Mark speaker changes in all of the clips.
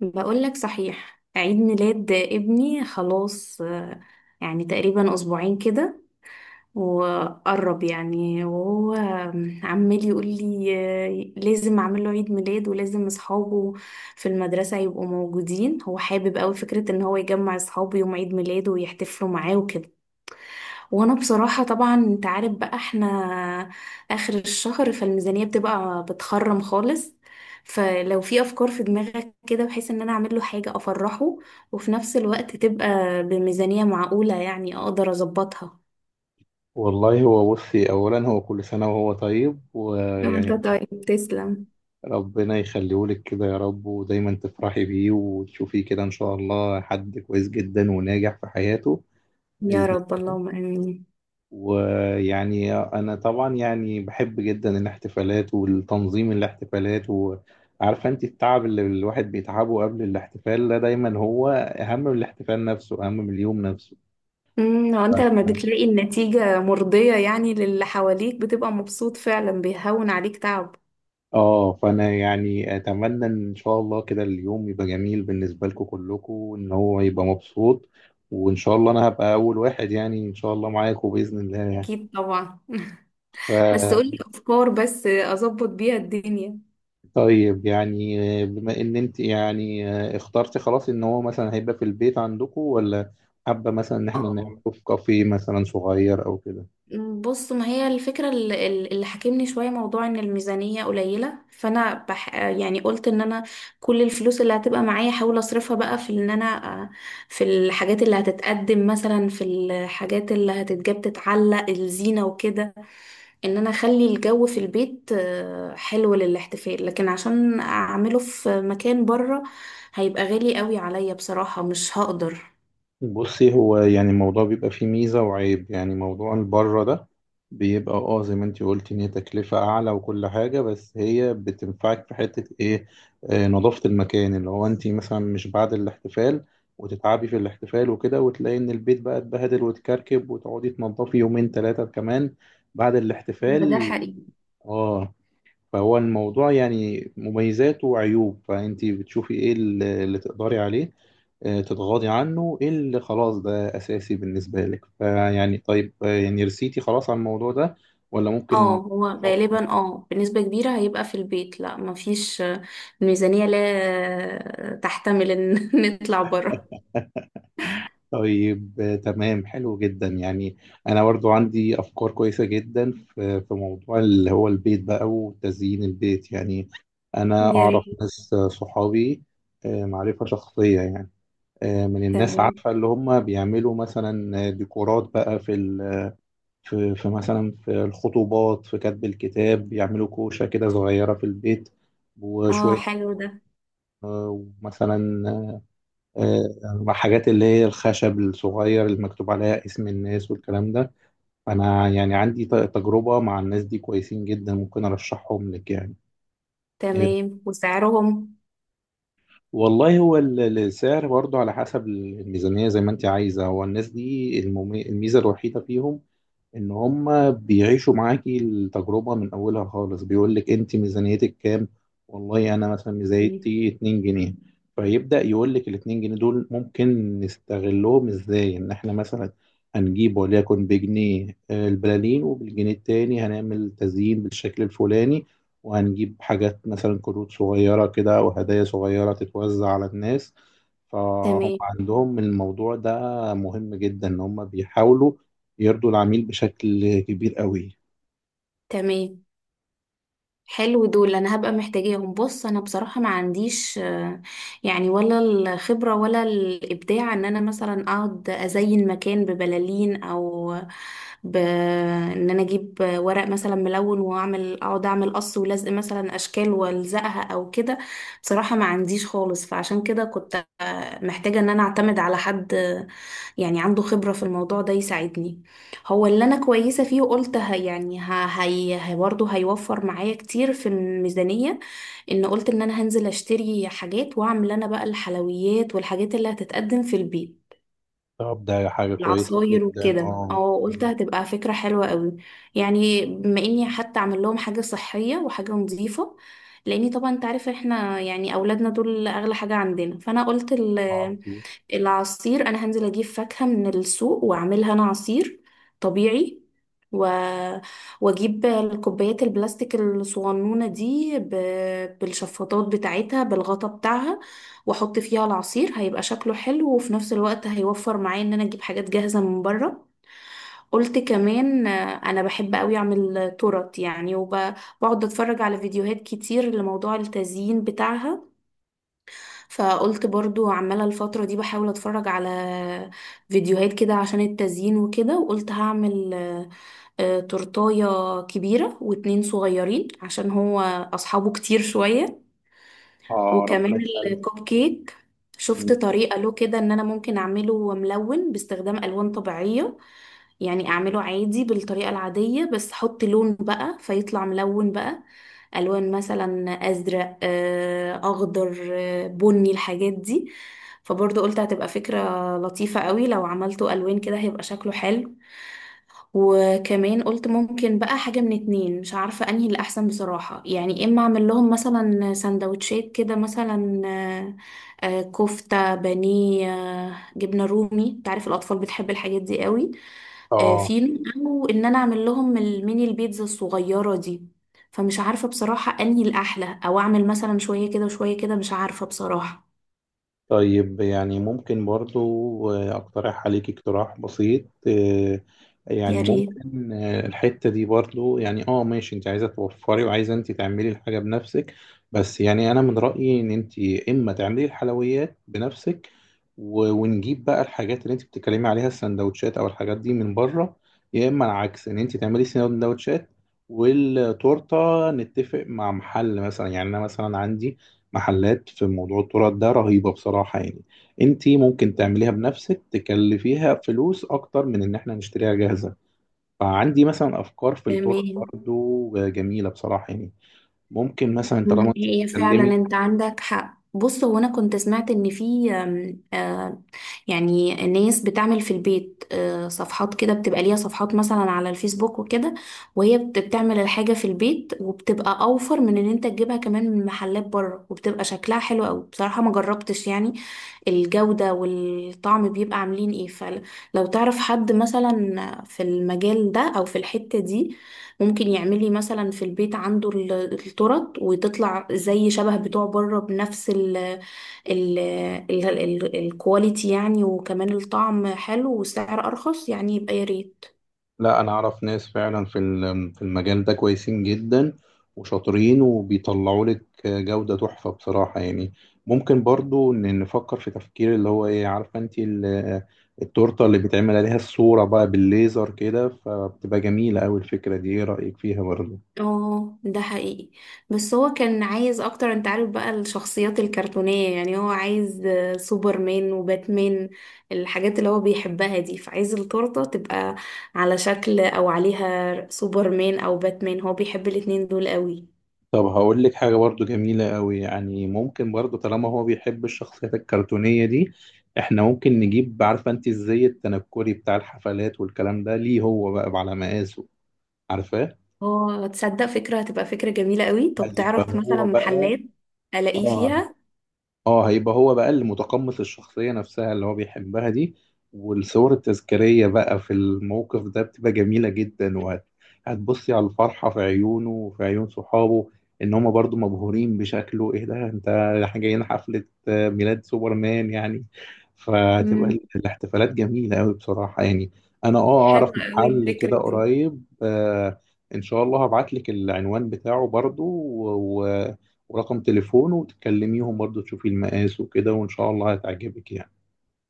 Speaker 1: بقولك صحيح، عيد ميلاد ابني خلاص، يعني تقريبا أسبوعين كده. وقرب يعني، وهو عمال يقول لي لازم أعمل له عيد ميلاد، ولازم أصحابه في المدرسة يبقوا موجودين. هو حابب أوي فكرة إن هو يجمع أصحابه يوم عيد ميلاده ويحتفلوا معاه. وانا بصراحة طبعا انت عارف بقى، احنا اخر الشهر فالميزانية بتبقى بتخرم خالص. فلو في افكار في دماغك كده بحيث ان انا اعمل له حاجة افرحه، وفي نفس الوقت تبقى بميزانية معقولة يعني اقدر اظبطها.
Speaker 2: والله هو بصي، أولا هو كل سنة وهو طيب،
Speaker 1: وانت
Speaker 2: ويعني
Speaker 1: طيب تسلم.
Speaker 2: ربنا يخليهولك كده يا رب، ودايما تفرحي بيه وتشوفيه كده إن شاء الله، حد كويس جدا وناجح في حياته
Speaker 1: يا
Speaker 2: بإذن
Speaker 1: رب
Speaker 2: الله.
Speaker 1: اللهم امين.
Speaker 2: ويعني أنا طبعا يعني بحب جدا الاحتفالات والتنظيم الاحتفالات، وعارفة أنت التعب اللي الواحد بيتعبه قبل الاحتفال ده دايما هو أهم من الاحتفال نفسه، أهم من اليوم نفسه.
Speaker 1: وانت لما بتلاقي النتيجة مرضية يعني للي حواليك بتبقى مبسوط فعلا، بيهون عليك تعب.
Speaker 2: اه، فانا يعني اتمنى ان شاء الله كده اليوم يبقى جميل بالنسبه لكم كلكم، وان هو يبقى مبسوط. وان شاء الله انا هبقى اول واحد يعني ان شاء الله معاكم باذن الله يعني.
Speaker 1: اكيد طبعا
Speaker 2: ف
Speaker 1: بس قولي افكار بس اظبط بيها الدنيا.
Speaker 2: طيب يعني بما ان انت يعني اخترتي خلاص ان هو مثلا هيبقى في البيت عندكم، ولا حابه مثلا ان احنا نعمله في كافيه مثلا صغير او كده؟
Speaker 1: بص، ما هي الفكرة اللي حاكمني شوية، موضوع ان الميزانية قليلة، فانا يعني قلت ان انا كل الفلوس اللي هتبقى معايا احاول اصرفها بقى في ان انا، في الحاجات اللي هتتقدم مثلا، في الحاجات اللي هتتجاب، تتعلق الزينة وكده، ان انا اخلي الجو في البيت حلو للاحتفال. لكن عشان اعمله في مكان بره هيبقى غالي قوي عليا بصراحة، مش هقدر.
Speaker 2: بصي، هو يعني الموضوع بيبقى فيه ميزة وعيب، يعني موضوع البره ده بيبقى اه زي ما انتي قلتي ان هي تكلفة اعلى وكل حاجة، بس هي بتنفعك في حتة ايه؟ آه نظافة المكان، اللي هو انتي مثلا مش بعد الاحتفال وتتعبي في الاحتفال وكده وتلاقي ان البيت بقى اتبهدل وتكركب وتقعدي تنضفي يومين ثلاثة كمان بعد
Speaker 1: هو ده
Speaker 2: الاحتفال.
Speaker 1: حقيقي.
Speaker 2: اه، فهو الموضوع يعني مميزات وعيوب، فأنت بتشوفي إيه اللي تقدري عليه، تتغاضي عنه، إيه اللي خلاص ده أساسي بالنسبة لك. فيعني طيب، يعني رسيتي خلاص على الموضوع ده ولا
Speaker 1: اه،
Speaker 2: ممكن
Speaker 1: هو
Speaker 2: نفكر؟
Speaker 1: غالبا اه بنسبة كبيرة هيبقى في البيت، لا مفيش الميزانية لا تحتمل ان نطلع بره.
Speaker 2: طيب تمام، حلو جدا يعني. انا برضو عندي افكار كويسه جدا في موضوع اللي هو البيت بقى وتزيين البيت يعني. انا
Speaker 1: يا
Speaker 2: اعرف
Speaker 1: ريت.
Speaker 2: ناس، صحابي، معرفه شخصيه يعني، من الناس،
Speaker 1: تمام.
Speaker 2: عارفة اللي هم بيعملوا مثلا ديكورات بقى في مثلا في الخطوبات، في كتب الكتاب، بيعملوا كوشة كده صغيرة في البيت
Speaker 1: اه
Speaker 2: وشوية،
Speaker 1: حلو ده.
Speaker 2: آه، ومثلا آه، حاجات اللي هي الخشب الصغير اللي مكتوب عليها اسم الناس والكلام ده. أنا يعني عندي تجربة مع الناس دي كويسين جدا، ممكن أرشحهم لك يعني. آه،
Speaker 1: تمام، وسعرهم؟
Speaker 2: والله هو السعر برضو على حسب الميزانية زي ما أنت عايزة. هو الناس دي الميزة الوحيدة فيهم ان هم بيعيشوا معاكي التجربة من اولها خالص. بيقول لك انت ميزانيتك كام، والله انا مثلا
Speaker 1: تمام.
Speaker 2: ميزانيتي 2 جنيه. فيبدأ يقول لك ال 2 جنيه دول ممكن نستغلهم ازاي، ان احنا مثلا هنجيب وليكن بجنيه البلالين، وبالجنيه التاني هنعمل تزيين بالشكل الفلاني، وهنجيب حاجات مثلا كروت صغيرة كده او هدايا صغيرة تتوزع على الناس. فهم
Speaker 1: تمام.
Speaker 2: عندهم الموضوع ده مهم جدا ان هم بيحاولوا يرضوا العميل بشكل كبير قوي.
Speaker 1: تمام. حلو دول، انا هبقى محتاجاهم. بص انا بصراحة ما عنديش يعني، ولا الخبرة ولا الابداع ان انا مثلا اقعد ازين مكان ببلالين، او ان انا اجيب ورق مثلا ملون واعمل، اقعد اعمل قص ولزق مثلا اشكال والزقها او كده. بصراحة ما عنديش خالص، فعشان كده كنت محتاجة ان انا اعتمد على حد يعني عنده خبرة في الموضوع ده يساعدني. هو اللي انا كويسه فيه، وقلت هي يعني هي برضه هيوفر معايا كتير في الميزانيه. ان قلت ان انا هنزل اشتري حاجات، واعمل انا بقى الحلويات والحاجات اللي هتتقدم في البيت،
Speaker 2: طب ده حاجة كويسة
Speaker 1: العصاير
Speaker 2: جدا
Speaker 1: وكده.
Speaker 2: اه.
Speaker 1: اه قلت هتبقى فكره حلوه قوي، يعني بما اني حتى اعمل لهم حاجه صحيه وحاجه نظيفه. لاني طبعا انت عارف احنا يعني اولادنا دول اغلى حاجه عندنا. فانا قلت
Speaker 2: اه،
Speaker 1: العصير انا هنزل اجيب فاكهة من السوق واعملها انا عصير طبيعي، و... واجيب الكوبايات البلاستيك الصغنونة دي بالشفاطات بتاعتها بالغطا بتاعها، واحط فيها العصير هيبقى شكله حلو، وفي نفس الوقت هيوفر معايا ان انا اجيب حاجات جاهزة من بره. قلت كمان انا بحب قوي اعمل تورت يعني، وبقعد اتفرج على فيديوهات كتير لموضوع التزيين بتاعها. فقلت برضو عمالة الفترة دي بحاول اتفرج على فيديوهات كده عشان التزيين وكده، وقلت هعمل تورتاية كبيرة واتنين صغيرين عشان هو أصحابه كتير شوية.
Speaker 2: ربنا
Speaker 1: وكمان
Speaker 2: يسلمك.
Speaker 1: الكوب كيك، شفت طريقة له كده ان انا ممكن اعمله ملون باستخدام الوان طبيعية. يعني اعمله عادي بالطريقة العادية بس احط لون بقى فيطلع ملون بقى، الوان مثلا ازرق اخضر بني، الحاجات دي. فبرضه قلت هتبقى فكرة لطيفة قوي، لو عملته الوان كده هيبقى شكله حلو. وكمان قلت ممكن بقى حاجة من اتنين، مش عارفة انهي اللي احسن بصراحة، يعني اما اعمل لهم مثلا سندوتشات كده مثلا، كفتة بانيه، جبنة رومي، تعرف الاطفال بتحب الحاجات دي قوي،
Speaker 2: اه،
Speaker 1: فينو، او ان انا اعمل لهم الميني البيتزا الصغيرة دي. فمش عارفة بصراحة انهي الاحلى، او اعمل مثلا شوية كده وشوية كده، مش عارفة بصراحة.
Speaker 2: طيب يعني ممكن برضو أقترح عليك اقتراح بسيط يعني.
Speaker 1: يا ريت.
Speaker 2: ممكن الحتة دي برضو يعني اه ماشي، انت عايزة توفري وعايزة انت تعملي الحاجة بنفسك. بس يعني أنا من رأيي إن انت إما تعملي الحلويات بنفسك ونجيب بقى الحاجات اللي انت بتتكلمي عليها السندوتشات أو الحاجات دي من بره، يا إما العكس، إن انت تعملي سندوتشات والتورتة نتفق مع محل مثلا. يعني أنا مثلا عندي محلات في موضوع التورت ده رهيبة بصراحة يعني. انتي ممكن تعمليها بنفسك تكلفيها فلوس اكتر من ان احنا نشتريها جاهزة، فعندي مثلا افكار في التورت
Speaker 1: تمام.
Speaker 2: برضو جميلة بصراحة يعني. ممكن مثلا طالما انت
Speaker 1: هي فعلا
Speaker 2: بتتكلمي.
Speaker 1: انت عندك حق. بص، هو انا كنت سمعت ان في آم، آه، يعني ناس بتعمل في البيت صفحات كده، بتبقى ليها صفحات مثلا على الفيسبوك وكده، وهي بتعمل الحاجة في البيت، وبتبقى اوفر من ان انت تجيبها كمان من محلات بره، وبتبقى شكلها حلو قوي بصراحة. ما جربتش يعني الجودة والطعم بيبقى عاملين ايه. فلو تعرف حد مثلا في المجال ده او في الحتة دي، ممكن يعمل لي مثلا في البيت عنده الترط وتطلع زي شبه بتوع بره، بنفس ال ال ال ال الكواليتي يعني، وكمان الطعم حلو والسعر ارخص، يعني يبقى يا ريت.
Speaker 2: لا، انا اعرف ناس فعلا في المجال ده كويسين جدا وشاطرين وبيطلعوا لك جودة تحفة بصراحة يعني. ممكن برضو إن نفكر في تفكير اللي هو ايه، عارفة انت التورتة اللي بيتعمل عليها الصورة بقى بالليزر كده، فبتبقى جميلة أوي. الفكرة دي ايه رأيك فيها برضو؟
Speaker 1: اه ده حقيقي. بس هو كان عايز اكتر، انت عارف بقى الشخصيات الكرتونية، يعني هو عايز سوبرمان وباتمان، الحاجات اللي هو بيحبها دي، فعايز التورتة تبقى على شكل او عليها سوبرمان او باتمان، هو بيحب الاتنين دول قوي.
Speaker 2: طب هقول لك حاجة برضو جميلة أوي يعني. ممكن برضو طالما هو بيحب الشخصيات الكرتونية دي، احنا ممكن نجيب، عارفة انت الزي التنكري بتاع الحفلات والكلام ده، ليه هو بقى على مقاسه؟ عارفاه؟
Speaker 1: اه تصدق فكرة، هتبقى فكرة جميلة قوي. طب
Speaker 2: أيوة،
Speaker 1: تعرف مثلا
Speaker 2: فهو بقى
Speaker 1: محلات الاقيه
Speaker 2: آه
Speaker 1: فيها؟
Speaker 2: اه هيبقى هو بقى اللي متقمص الشخصية نفسها اللي هو بيحبها دي. والصور التذكارية بقى في الموقف ده بتبقى جميلة جدا، هتبصي على الفرحة في عيونه وفي عيون صحابه، ان هما برضو مبهورين بشكله. ايه ده انت، احنا جايين حفلة ميلاد سوبرمان يعني. فهتبقى
Speaker 1: امم
Speaker 2: الاحتفالات جميلة قوي بصراحة يعني. انا اه اعرف
Speaker 1: حلوة قوي
Speaker 2: محل كده
Speaker 1: الفكرة دي.
Speaker 2: قريب آه. ان شاء الله هبعت لك العنوان بتاعه برضو، ورقم تليفونه وتكلميهم برضه تشوفي المقاس وكده وإن شاء الله هتعجبك يعني.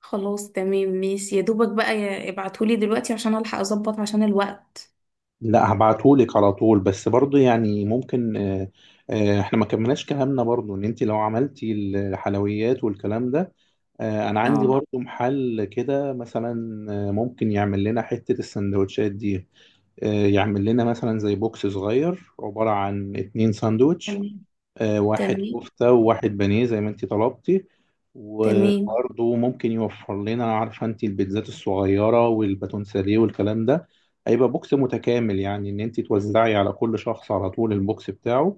Speaker 1: خلاص تمام ماشي، يا دوبك بقى ابعتهولي دلوقتي عشان الحق اظبط عشان الوقت.
Speaker 2: لا هبعتهولك على طول، بس برضه يعني ممكن احنا ما كملناش كلامنا برضه، ان انت لو عملتي الحلويات والكلام ده، انا عندي
Speaker 1: اه
Speaker 2: برضه محل كده مثلا ممكن يعمل لنا حتة السندوتشات دي. يعمل لنا مثلا زي بوكس صغير عبارة عن اتنين ساندوتش،
Speaker 1: تمام.
Speaker 2: واحد
Speaker 1: تمام.
Speaker 2: كفتة وواحد بانيه زي ما انت طلبتي.
Speaker 1: تمام.
Speaker 2: وبرضه ممكن يوفر لنا، عارفة انت البيتزات الصغيرة والباتون ساليه والكلام ده. هيبقى بوكس متكامل يعني، ان انت توزعي على كل شخص على طول البوكس بتاعه.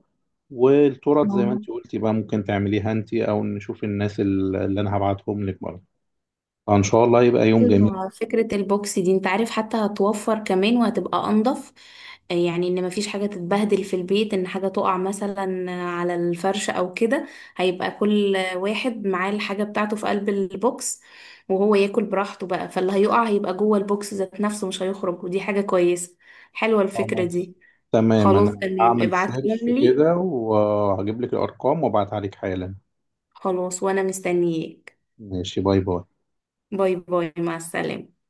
Speaker 2: والتورت زي ما
Speaker 1: اه.
Speaker 2: انت قلتي بقى، ممكن تعمليها انت او نشوف الناس اللي انا هبعتهم لك برضه. فان شاء الله يبقى يوم جميل.
Speaker 1: ايوه فكرة البوكس دي انت عارف حتى هتوفر كمان، وهتبقى انضف، يعني ان مفيش حاجة تتبهدل في البيت، ان حاجة تقع مثلا على الفرش او كده. هيبقى كل واحد معاه الحاجة بتاعته في قلب البوكس، وهو ياكل براحته بقى، فاللي هيقع هيبقى جوه البوكس ذات نفسه مش هيخرج، ودي حاجة كويسة. حلوة الفكرة
Speaker 2: خلاص
Speaker 1: دي.
Speaker 2: تمام،
Speaker 1: خلاص
Speaker 2: انا
Speaker 1: تمام،
Speaker 2: هعمل
Speaker 1: ابعتهم
Speaker 2: سيرش
Speaker 1: لي.
Speaker 2: كده وهجيب لك الارقام وابعتها لك حالا.
Speaker 1: خلاص وانا مستنياك.
Speaker 2: ماشي، باي باي.
Speaker 1: باي باي، مع السلامة.